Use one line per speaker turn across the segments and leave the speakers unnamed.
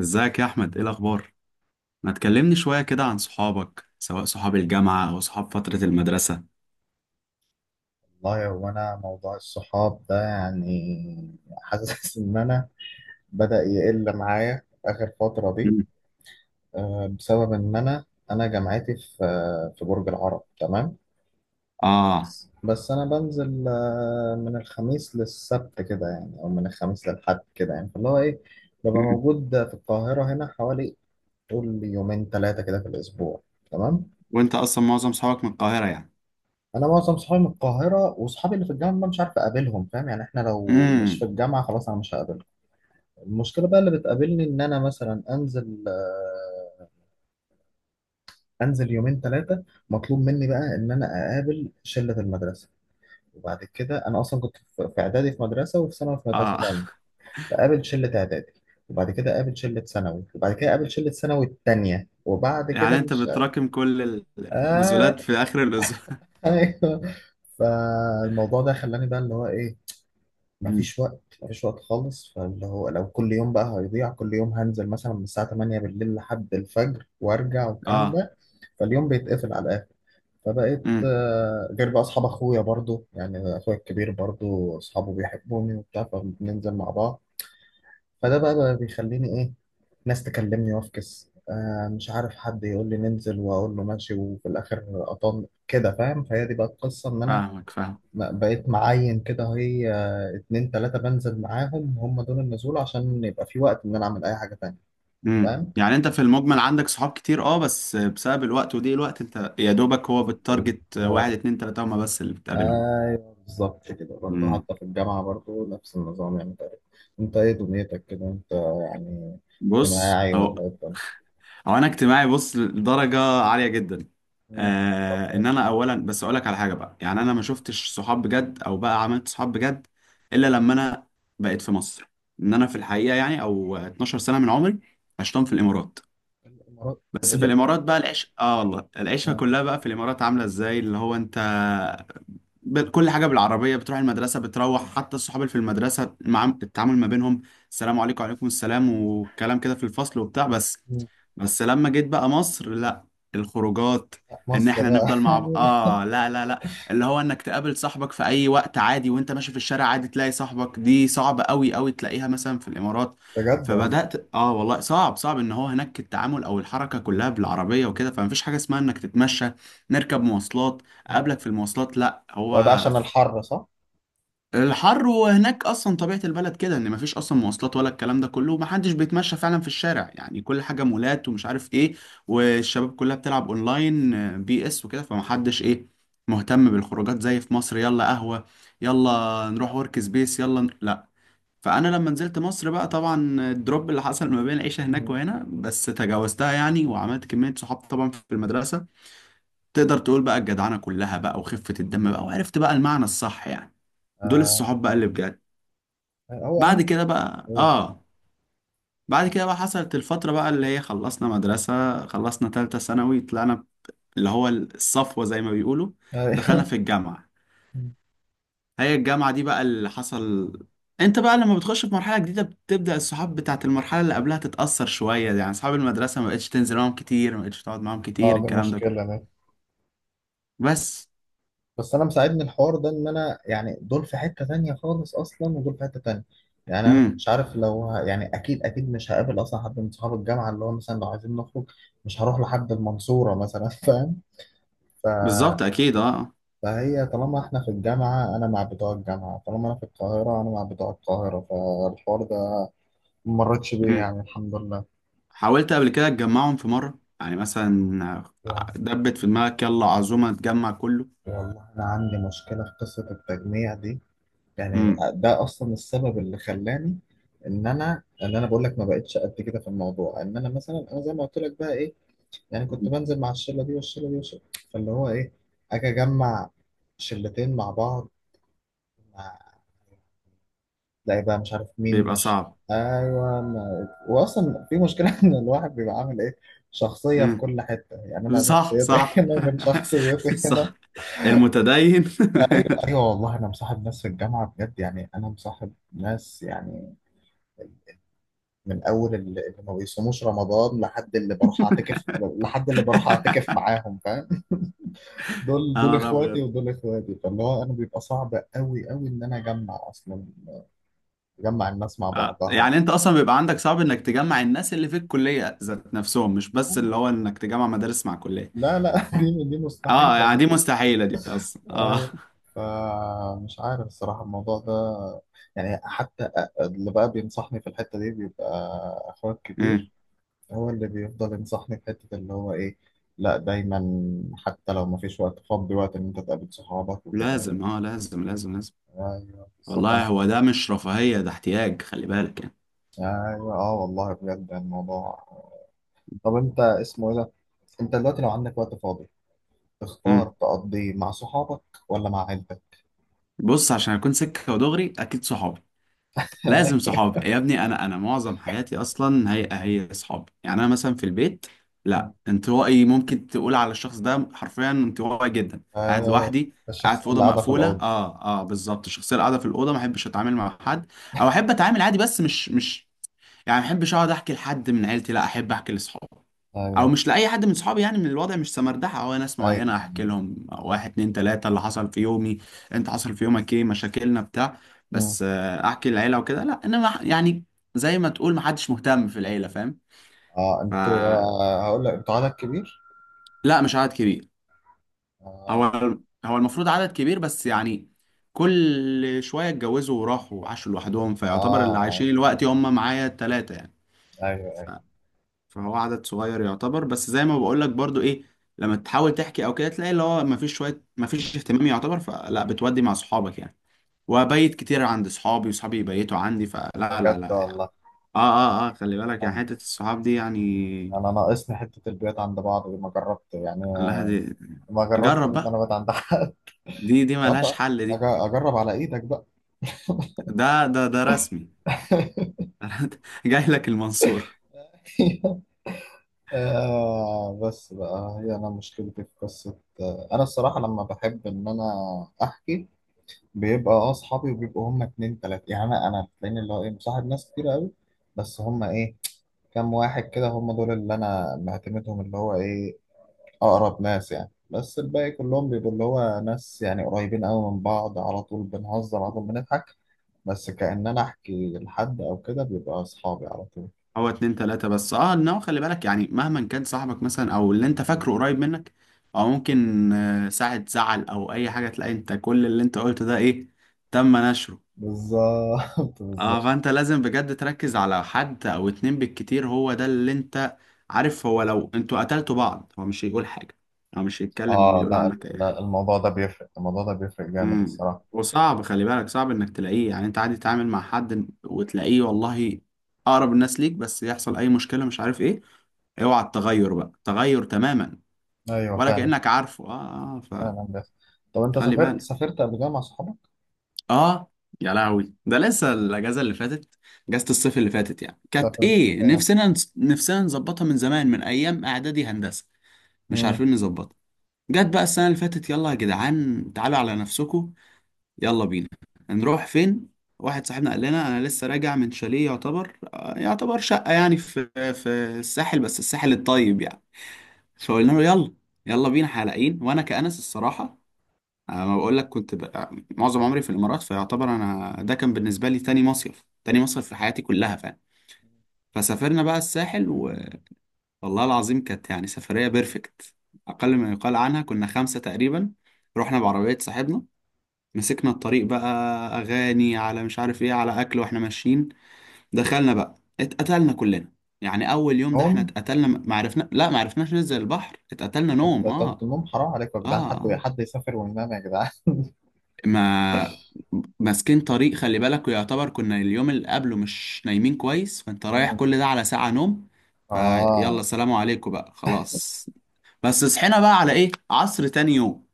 ازيك يا احمد؟ ايه الاخبار؟ ما تكلمني شويه كده عن صحابك، سواء صحاب الجامعه او صحاب فتره المدرسه.
والله هو انا موضوع الصحاب ده يعني، حاسس ان انا بدأ يقل معايا اخر فترة دي.
مم.
بسبب ان انا جامعتي في برج العرب، تمام.
اه.
بس انا بنزل من الخميس للسبت كده يعني، او من الخميس للحد كده يعني، فاللي هو ايه، ببقى
مم.
موجود في القاهرة هنا حوالي طول يومين ثلاثة كده في الاسبوع، تمام.
وانت اصلا معظم صحابك من القاهره، يعني؟
انا معظم صحابي من القاهرة، واصحابي اللي في الجامعة مش عارف اقابلهم، فاهم؟ يعني احنا لو مش في
امم.
الجامعة، خلاص انا مش هقابلهم. المشكلة بقى اللي بتقابلني إن أنا مثلا أنزل يومين ثلاثة، مطلوب مني بقى إن أنا أقابل شلة المدرسة. وبعد كده أنا أصلا كنت في إعدادي في مدرسة، وفي ثانوي في مدرسة
اه.
تانية. فقابل شلة إعدادي، وبعد كده قابل شلة ثانوي، وبعد كده قابل شلة ثانوي التانية، وبعد كده
يعني انت
مش
بتراكم كل
آه
النزولات في اخر الاسبوع؟
أيوه. فالموضوع ده خلاني بقى اللي هو إيه،
امم.
مفيش وقت، مفيش وقت خالص، فاللي هو لو كل يوم بقى هيضيع، كل يوم هنزل مثلا من الساعة 8 بالليل لحد الفجر وارجع والكلام
اه.
ده، فاليوم بيتقفل على الآخر. فبقيت
امم.
غير بقى أصحاب أخويا برضو، يعني أخويا الكبير برضو أصحابه بيحبوني وبتاع، فبننزل مع بعض. فده بقى بيخليني إيه، ناس تكلمني وافكس، مش عارف، حد يقول لي ننزل وأقول له ماشي، وفي الآخر أطن كده، فاهم؟ فهي دي بقى القصة إن أنا
فاهمك، فاهم.
بقيت معين كده، هي اتنين تلاتة بنزل معاهم، هم دول النزول، عشان يبقى في وقت إن أنا أعمل أي حاجة تانية.
امم.
فاهم؟
يعني انت في المجمل عندك صحاب كتير، بس بسبب الوقت وضيق الوقت، انت يا دوبك هو بالتارجت واحد
بالظبط.
اتنين تلاته هما بس اللي بتقابلهم؟
أيوه بالظبط كده برضه،
امم.
حتى في الجامعة برضه نفس النظام يعني تقريبا. أنت إيه دنيتك كده أنت؟ يعني
بص،
اجتماعي
أو
ولا إيه الدنيا؟
هو انا اجتماعي، بص، لدرجه عاليه جدا.
مم. طب حلو.
ان انا اولا بس اقول لك على حاجه بقى، يعني
حلو.
انا ما شفتش صحاب بجد او بقى عملت صحاب بجد الا لما انا بقيت في مصر، ان انا في الحقيقه يعني او 12 سنه من عمري عشتهم في الامارات.
الإمارات
بس في
وإيه؟
الامارات بقى العيش، والله العيشه
آه.
كلها بقى في الامارات عامله ازاي؟ اللي هو انت، كل حاجة بالعربية، بتروح المدرسة، بتروح حتى الصحاب اللي في المدرسة مع التعامل ما بينهم، السلام عليكم وعليكم السلام والكلام كده في الفصل وبتاع بس.
مم.
بس لما جيت بقى مصر، لا، الخروجات،
لا،
ان
مصر
احنا
بقى.
نفضل مع بعض، لا، لا، لا، اللي هو انك تقابل صاحبك في اي وقت عادي وانت ماشي في الشارع عادي تلاقي صاحبك، دي صعبة قوي قوي تلاقيها مثلا في الامارات.
بجد والله.
فبدأت، والله صعب صعب ان هو هناك التعامل او الحركة كلها بالعربية وكده، فمفيش حاجة اسمها انك تتمشى، نركب مواصلات،
آه.
اقابلك في المواصلات، لا. هو
هو ده عشان الحر صح؟
الحر، وهناك اصلا طبيعه البلد كده، ان مفيش اصلا مواصلات ولا الكلام ده كله، ومحدش بيتمشى فعلا في الشارع، يعني كل حاجه مولات ومش عارف ايه. والشباب كلها بتلعب اونلاين، بي اس وكده، فمحدش ايه مهتم بالخروجات زي في مصر، يلا قهوه، يلا نروح ورك سبيس، يلا لا. فانا لما نزلت مصر بقى، طبعا الدروب اللي حصل ما بين العيشه هناك
مم.
وهنا، بس تجاوزتها يعني، وعملت كميه صحاب طبعا في المدرسه. تقدر تقول بقى الجدعنة كلها بقى وخفة الدم بقى، وعرفت بقى المعنى الصح، يعني دول
آه.
الصحاب بقى اللي بجد.
هو
بعد
أهم.
كده بقى اه بعد كده بقى حصلت الفترة بقى، اللي هي خلصنا مدرسة، خلصنا تالتة ثانوي، طلعنا اللي هو الصفوة زي ما بيقولوا، دخلنا
أيوه.
في الجامعة. هي الجامعة دي بقى اللي حصل. انت بقى لما بتخش في مرحلة جديدة، بتبدأ الصحاب بتاعت المرحلة اللي قبلها تتأثر شوية، يعني أصحاب المدرسة ما بقتش تنزل معاهم كتير، ما بقتش تقعد معاهم
اه
كتير،
دي
الكلام ده كله،
مشكلة دي.
بس.
بس انا مساعدني الحوار ده، ان انا يعني دول في حتة تانية خالص اصلا، ودول في حتة تانية. يعني انا
امم.
مش عارف لو يعني اكيد اكيد مش هقابل اصلا حد من صحاب الجامعة اللي هو مثلا لو عايزين نخرج. مش هروح لحد المنصورة مثلا فاهم؟ ف...
بالظبط، أكيد اه.
فهي طالما احنا في الجامعة انا مع بتوع الجامعة، طالما انا في القاهرة انا مع بتوع القاهرة. فالحوار ده ما مرتش بيه
مم.
يعني، الحمد لله.
حاولت قبل كده تجمعهم في مرة، يعني مثلا
يعني
دبت في دماغك يلا عزومة تجمع كله؟
والله انا عندي مشكلة في قصة التجميع دي. يعني
امم.
ده اصلا السبب اللي خلاني ان انا بقول لك ما بقتش قد كده في الموضوع، ان انا مثلا، انا زي ما قلت لك بقى ايه، يعني كنت بنزل مع الشله دي والشله دي والشله، فاللي هو ايه، اجي اجمع شلتين مع بعض، مع تلاقي بقى مش عارف مين
بيبقى
مش.
صعب.
ايوه ما... واصلا في مشكله ان الواحد بيبقى عامل ايه، شخصيه في
امم.
كل حته، يعني انا
صح،
شخصيتي
صح.
هنا غير شخصيتي هنا.
صح. المتدين.
ايوه ايوه، والله انا مصاحب ناس في الجامعه بجد، يعني انا مصاحب ناس يعني من اول اللي ما بيصوموش رمضان، لحد اللي بروح اعتكف معاهم، فاهم؟ دول
انا
اخواتي،
ابيض.
ودول اخواتي. فاللي هو انا بيبقى صعب قوي قوي ان انا اجمع اصلا، اجمع الناس مع بعضها يعني.
يعني انت اصلا بيبقى عندك صعب انك تجمع الناس اللي في الكلية ذات نفسهم، مش بس
آه.
اللي هو انك تجمع مدارس مع كلية؟
لا لا دي
اه،
مستحيلة
يعني
دي.
دي مستحيلة دي اصلا اه.
أيوة. فمش عارف الصراحة الموضوع ده، يعني حتى اللي بقى بينصحني في الحتة دي بيبقى أخويا
مم.
الكبير. هو اللي بيفضل ينصحني في حتة اللي هو إيه، لا دايما حتى لو ما فيش وقت فضي وقت إن أنت تقابل صحابك وكده يعني.
لازم، اه، لازم، لازم، لازم.
أيوه بالظبط.
والله
أنا
هو ده مش رفاهية، ده احتياج، خلي بالك
أيوه. أه والله بجد الموضوع. طب أنت اسمه إيه ده؟ أنت دلوقتي لو عندك وقت فاضي تختار
يعني.
تقضيه مع صحابك ولا مع عيلتك؟
بص، عشان اكون سكه ودغري، اكيد صحابي. لازم صحابي، يا ابني انا معظم حياتي اصلا هي صحابي، يعني انا مثلا في البيت، لا، انطوائي، ممكن تقول على الشخص ده حرفيا انطوائي جدا، قاعد
أيوه.
لوحدي، قاعد
الشخص
في
اللي
اوضه
قاعدة في
مقفوله،
الأوضة.
اه، اه، بالظبط، الشخصيه اللي قاعده في الاوضه، ما احبش اتعامل مع حد، او احب اتعامل عادي بس مش يعني، ما بحبش اقعد احكي لحد من عيلتي، لا، احب احكي لاصحابي، او
أيوه
مش لاي حد من صحابي، يعني من الوضع مش سمردحه، او ناس
أيوه.
معينه احكي لهم واحد اتنين تلاته اللي حصل في يومي، انت حصل في يومك ايه، مشاكلنا بتاع.
مم.
بس، احكي للعيله وكده، لا، انما يعني، زي ما تقول ما حدش مهتم في العيله، فاهم؟
أه
ف
أنتوا هقول لك أنتوا عدد كبير؟
لا، مش عدد كبير. هو
أه.
هو المفروض عدد كبير بس يعني، كل شويه اتجوزوا وراحوا وعاشوا لوحدهم،
أه
فيعتبر اللي
آه.
عايشين دلوقتي هم معايا التلاته يعني.
أيوه أيوه.
فهو عدد صغير يعتبر، بس زي ما بقولك برضو ايه، لما تحاول تحكي او كده تلاقي اللي هو مفيش شوية، مفيش اهتمام يعتبر، فلا بتودي مع صحابك يعني، وابيت كتير عند صحابي، وصحابي يبيتوا عندي، فلا، لا،
بجد
لا يعني.
والله.
اه، اه، اه، خلي بالك يعني،
انا
حتة الصحاب دي يعني.
ناقصني حته البيوت عند بعض دي ما جربت يعني،
لا، دي،
ما جربت
جرب بقى،
المنابت عند حد.
دي
طب
ملهاش حل دي.
اجرب على ايدك بقى.
ده رسمي. جاي لك المنصور.
بس بقى هي انا مشكلتي في قصه، انا الصراحه لما بحب ان انا احكي بيبقى اصحابي، وبيبقوا هم اتنين تلاته يعني. انا تلاقيني اللي هو ايه، مصاحب ناس كتير قوي، بس هم ايه، كام واحد كده هم دول اللي انا معتمدهم، اللي هو ايه، أقرب ناس يعني. بس الباقي كلهم بيبقوا اللي هو ناس يعني قريبين أوي من بعض، على طول بنهزر على طول بنضحك، بس كأن أنا أحكي لحد أو كده بيبقى أصحابي على طول.
هو اتنين تلاتة بس، انه خلي بالك يعني، مهما كان صاحبك مثلا او اللي انت فاكره قريب منك، او ممكن ساعة زعل او اي حاجة، تلاقي انت كل اللي انت قلته ده ايه؟ تم نشره.
بالظبط
اه،
بالظبط.
فانت لازم بجد تركز على حد او اتنين بالكتير، هو ده اللي انت عارف. هو لو انتوا قتلتوا بعض هو مش هيقول حاجة، هو مش هيتكلم او
آه
يقول
لا
عنك اي
لا،
حاجة.
الموضوع ده بيفرق، الموضوع ده بيفرق جامد
امم.
الصراحة.
وصعب، خلي بالك، صعب انك تلاقيه، يعني انت عادي تتعامل مع حد وتلاقيه والله اقرب الناس ليك، بس يحصل اي مشكلة مش عارف ايه، اوعى، التغير بقى تغير تماما،
أيوه
ولا
فعلا.
كأنك عارفه، اه، اه.
فعلا بس. طب أنت
فخلي
سافرت
بالك.
سافرت قبل كده مع أصحابك؟
اه. يا لهوي، ده لسه الاجازة اللي فاتت، اجازة الصيف اللي فاتت يعني كانت
سافرت
ايه،
آه.
نفسنا نفسنا نظبطها من زمان من ايام اعدادي هندسة، مش
مم.
عارفين نظبطها. جت بقى السنة اللي فاتت، يلا يا جدعان تعالوا على نفسكم، يلا بينا، نروح فين؟ واحد صاحبنا قال لنا انا لسه راجع من شاليه يعتبر، يعتبر شقة، يعني في الساحل، بس الساحل الطيب يعني. فقلنا له يلا، يلا بينا حلقين، وانا كأنس الصراحة، ما بقول لك كنت بقى معظم عمري في الامارات، فيعتبر انا ده كان بالنسبة لي تاني مصيف، تاني مصيف في حياتي كلها فعلا. فسافرنا بقى الساحل، والله العظيم كانت يعني سفرية بيرفكت اقل ما يقال عنها، كنا خمسة تقريبا، رحنا بعربية صاحبنا، مسكنا الطريق بقى، اغاني على مش عارف ايه، على اكل واحنا ماشيين. دخلنا بقى، اتقتلنا كلنا، يعني اول يوم ده احنا
نوم.
اتقتلنا، ما عرفنا، لا، ما عرفناش ننزل البحر، اتقتلنا
أنت
نوم
طلبت
اه.
النوم؟ حرام عليكم يا
اه.
جدعان، حد
آه.
حد يسافر وينام يا جدعان.
ما ماسكين طريق، خلي بالك، ويعتبر كنا اليوم اللي قبله مش نايمين كويس، فانت رايح
مم.
كل ده على ساعة نوم. فيلا
آه
سلام عليكم بقى، خلاص. بس صحينا بقى على ايه، عصر تاني يوم.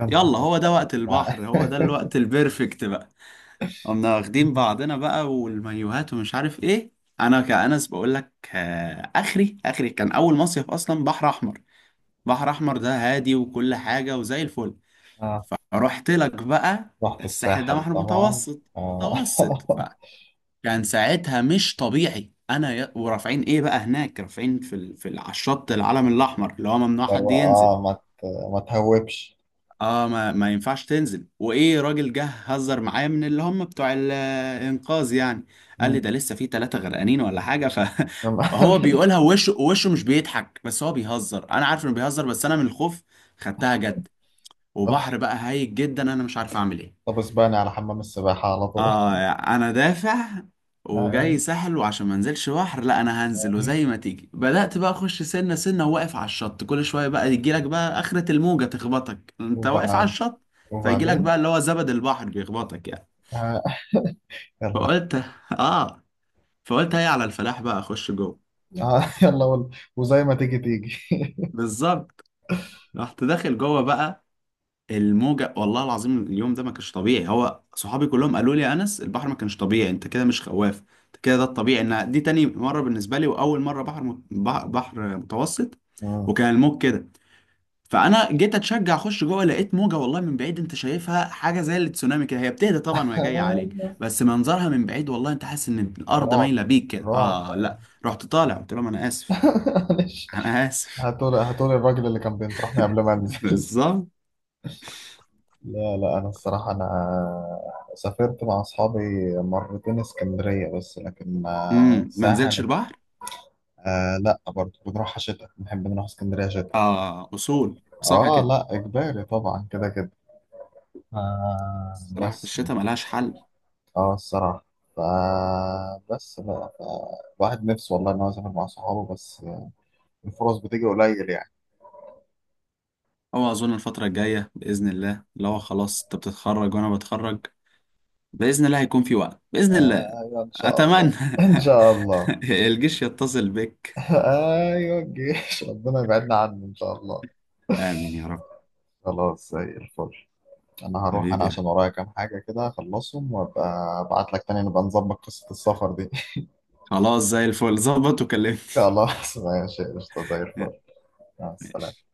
يا نهار
يلا، هو
أزرق
ده
يا
وقت
جدعان
البحر، هو ده الوقت البرفكت بقى. قمنا واخدين بعضنا بقى والمايوهات ومش عارف ايه. انا كأنس بقول لك، اخري اخري كان اول مصيف اصلا بحر احمر، بحر احمر ده هادي وكل حاجة وزي الفل.
آه.
فرحت لك بقى
رحت
الساحل ده
الساحل
بحر
طبعا.
متوسط،
آه.
متوسط فكان، ساعتها مش طبيعي، انا ورافعين ايه بقى هناك، رافعين على الشط العلم الاحمر، اللي هو ممنوع حد
لو
ينزل.
ما تهوبش.
اه، ما ينفعش تنزل، وايه راجل جه هزر معايا من اللي هم بتوع الانقاذ يعني، قال لي
مم.
ده لسه في ثلاثة غرقانين ولا حاجة. فهو بيقولها وشه وشه مش بيضحك، بس هو بيهزر، انا عارف انه بيهزر، بس انا من الخوف خدتها جد،
طب
وبحر بقى هايج جدا، انا مش عارف اعمل ايه.
طب اسباني على حمام السباحة على طول.
اه، انا دافع
آه.
وجاي ساحل، وعشان ما انزلش بحر، لا، انا هنزل وزي ما تيجي، بدأت بقى اخش سنة سنة، وواقف على الشط كل شوية بقى يجيلك بقى اخرة الموجة تخبطك انت واقف على
وبعد
الشط، فيجيلك بقى
وبعدين.
اللي هو زبد البحر بيخبطك يعني.
آه. يلا.
فقلت اه فقلت، هي على الفلاح بقى، اخش جوه.
آه. يلا وزي ما تيجي تيجي
بالظبط. رحت داخل جوه بقى الموجة، والله العظيم اليوم ده ما كانش طبيعي، هو صحابي كلهم قالوا لي يا أنس البحر ما كانش طبيعي، أنت كده مش خواف، أنت كده ده الطبيعي، إن دي تاني مرة بالنسبة لي، وأول مرة بحر بحر متوسط،
مم.
وكان الموج كده، فأنا جيت أتشجع أخش جوه، لقيت موجة والله من بعيد أنت شايفها حاجة زي التسونامي كده، هي بتهدى طبعا وهي جاية عليك، بس منظرها من بعيد والله أنت حاسس إن الأرض
رعب
مايلة بيك كده،
رعب.
آه لا. رحت طالع، قلت لهم أنا آسف،
معلش.
أنا آسف.
هاتولي هاتولي الراجل اللي كان بينصحني قبل ما انزل.
بالظبط.
لا لا، أنا الصراحة أنا سافرت مع أصحابي مرتين اسكندرية بس، لكن
امم. ما نزلتش
ساحل.
البحر.
آه لا برضه، بنروحها شتاء، بنحب نروح اسكندرية شتاء.
آه أصول صح
آه
كده.
لا إجباري طبعا كده كده. آه
الصراحة في
بس
الشتاء ملهاش حل.
الصراحة. فبس بقى الواحد نفسه والله إن هو يسافر مع صحابه، بس الفرص بتيجي قليل يعني.
هو أظن الفترة الجاية بإذن الله اللي هو خلاص، أنت بتتخرج وأنا بتخرج، بإذن الله هيكون في وقت، بإذن الله.
آه أيوة، إن شاء الله.
أتمنى.
إن شاء الله.
الجيش يتصل بك.
أيوة الجيش ربنا يبعدنا عنه إن شاء الله.
آمين يا رب.
خلاص زي الفل. انا هروح انا
حبيبي.
عشان ورايا كام حاجة كده اخلصهم، وابقى ابعت لك تاني نبقى نظبط قصة السفر دي.
خلاص زي الفل، ظبط وكلمني.
خلاص ماشي، قشطة زي الفل. مع
ماشي.
السلامة.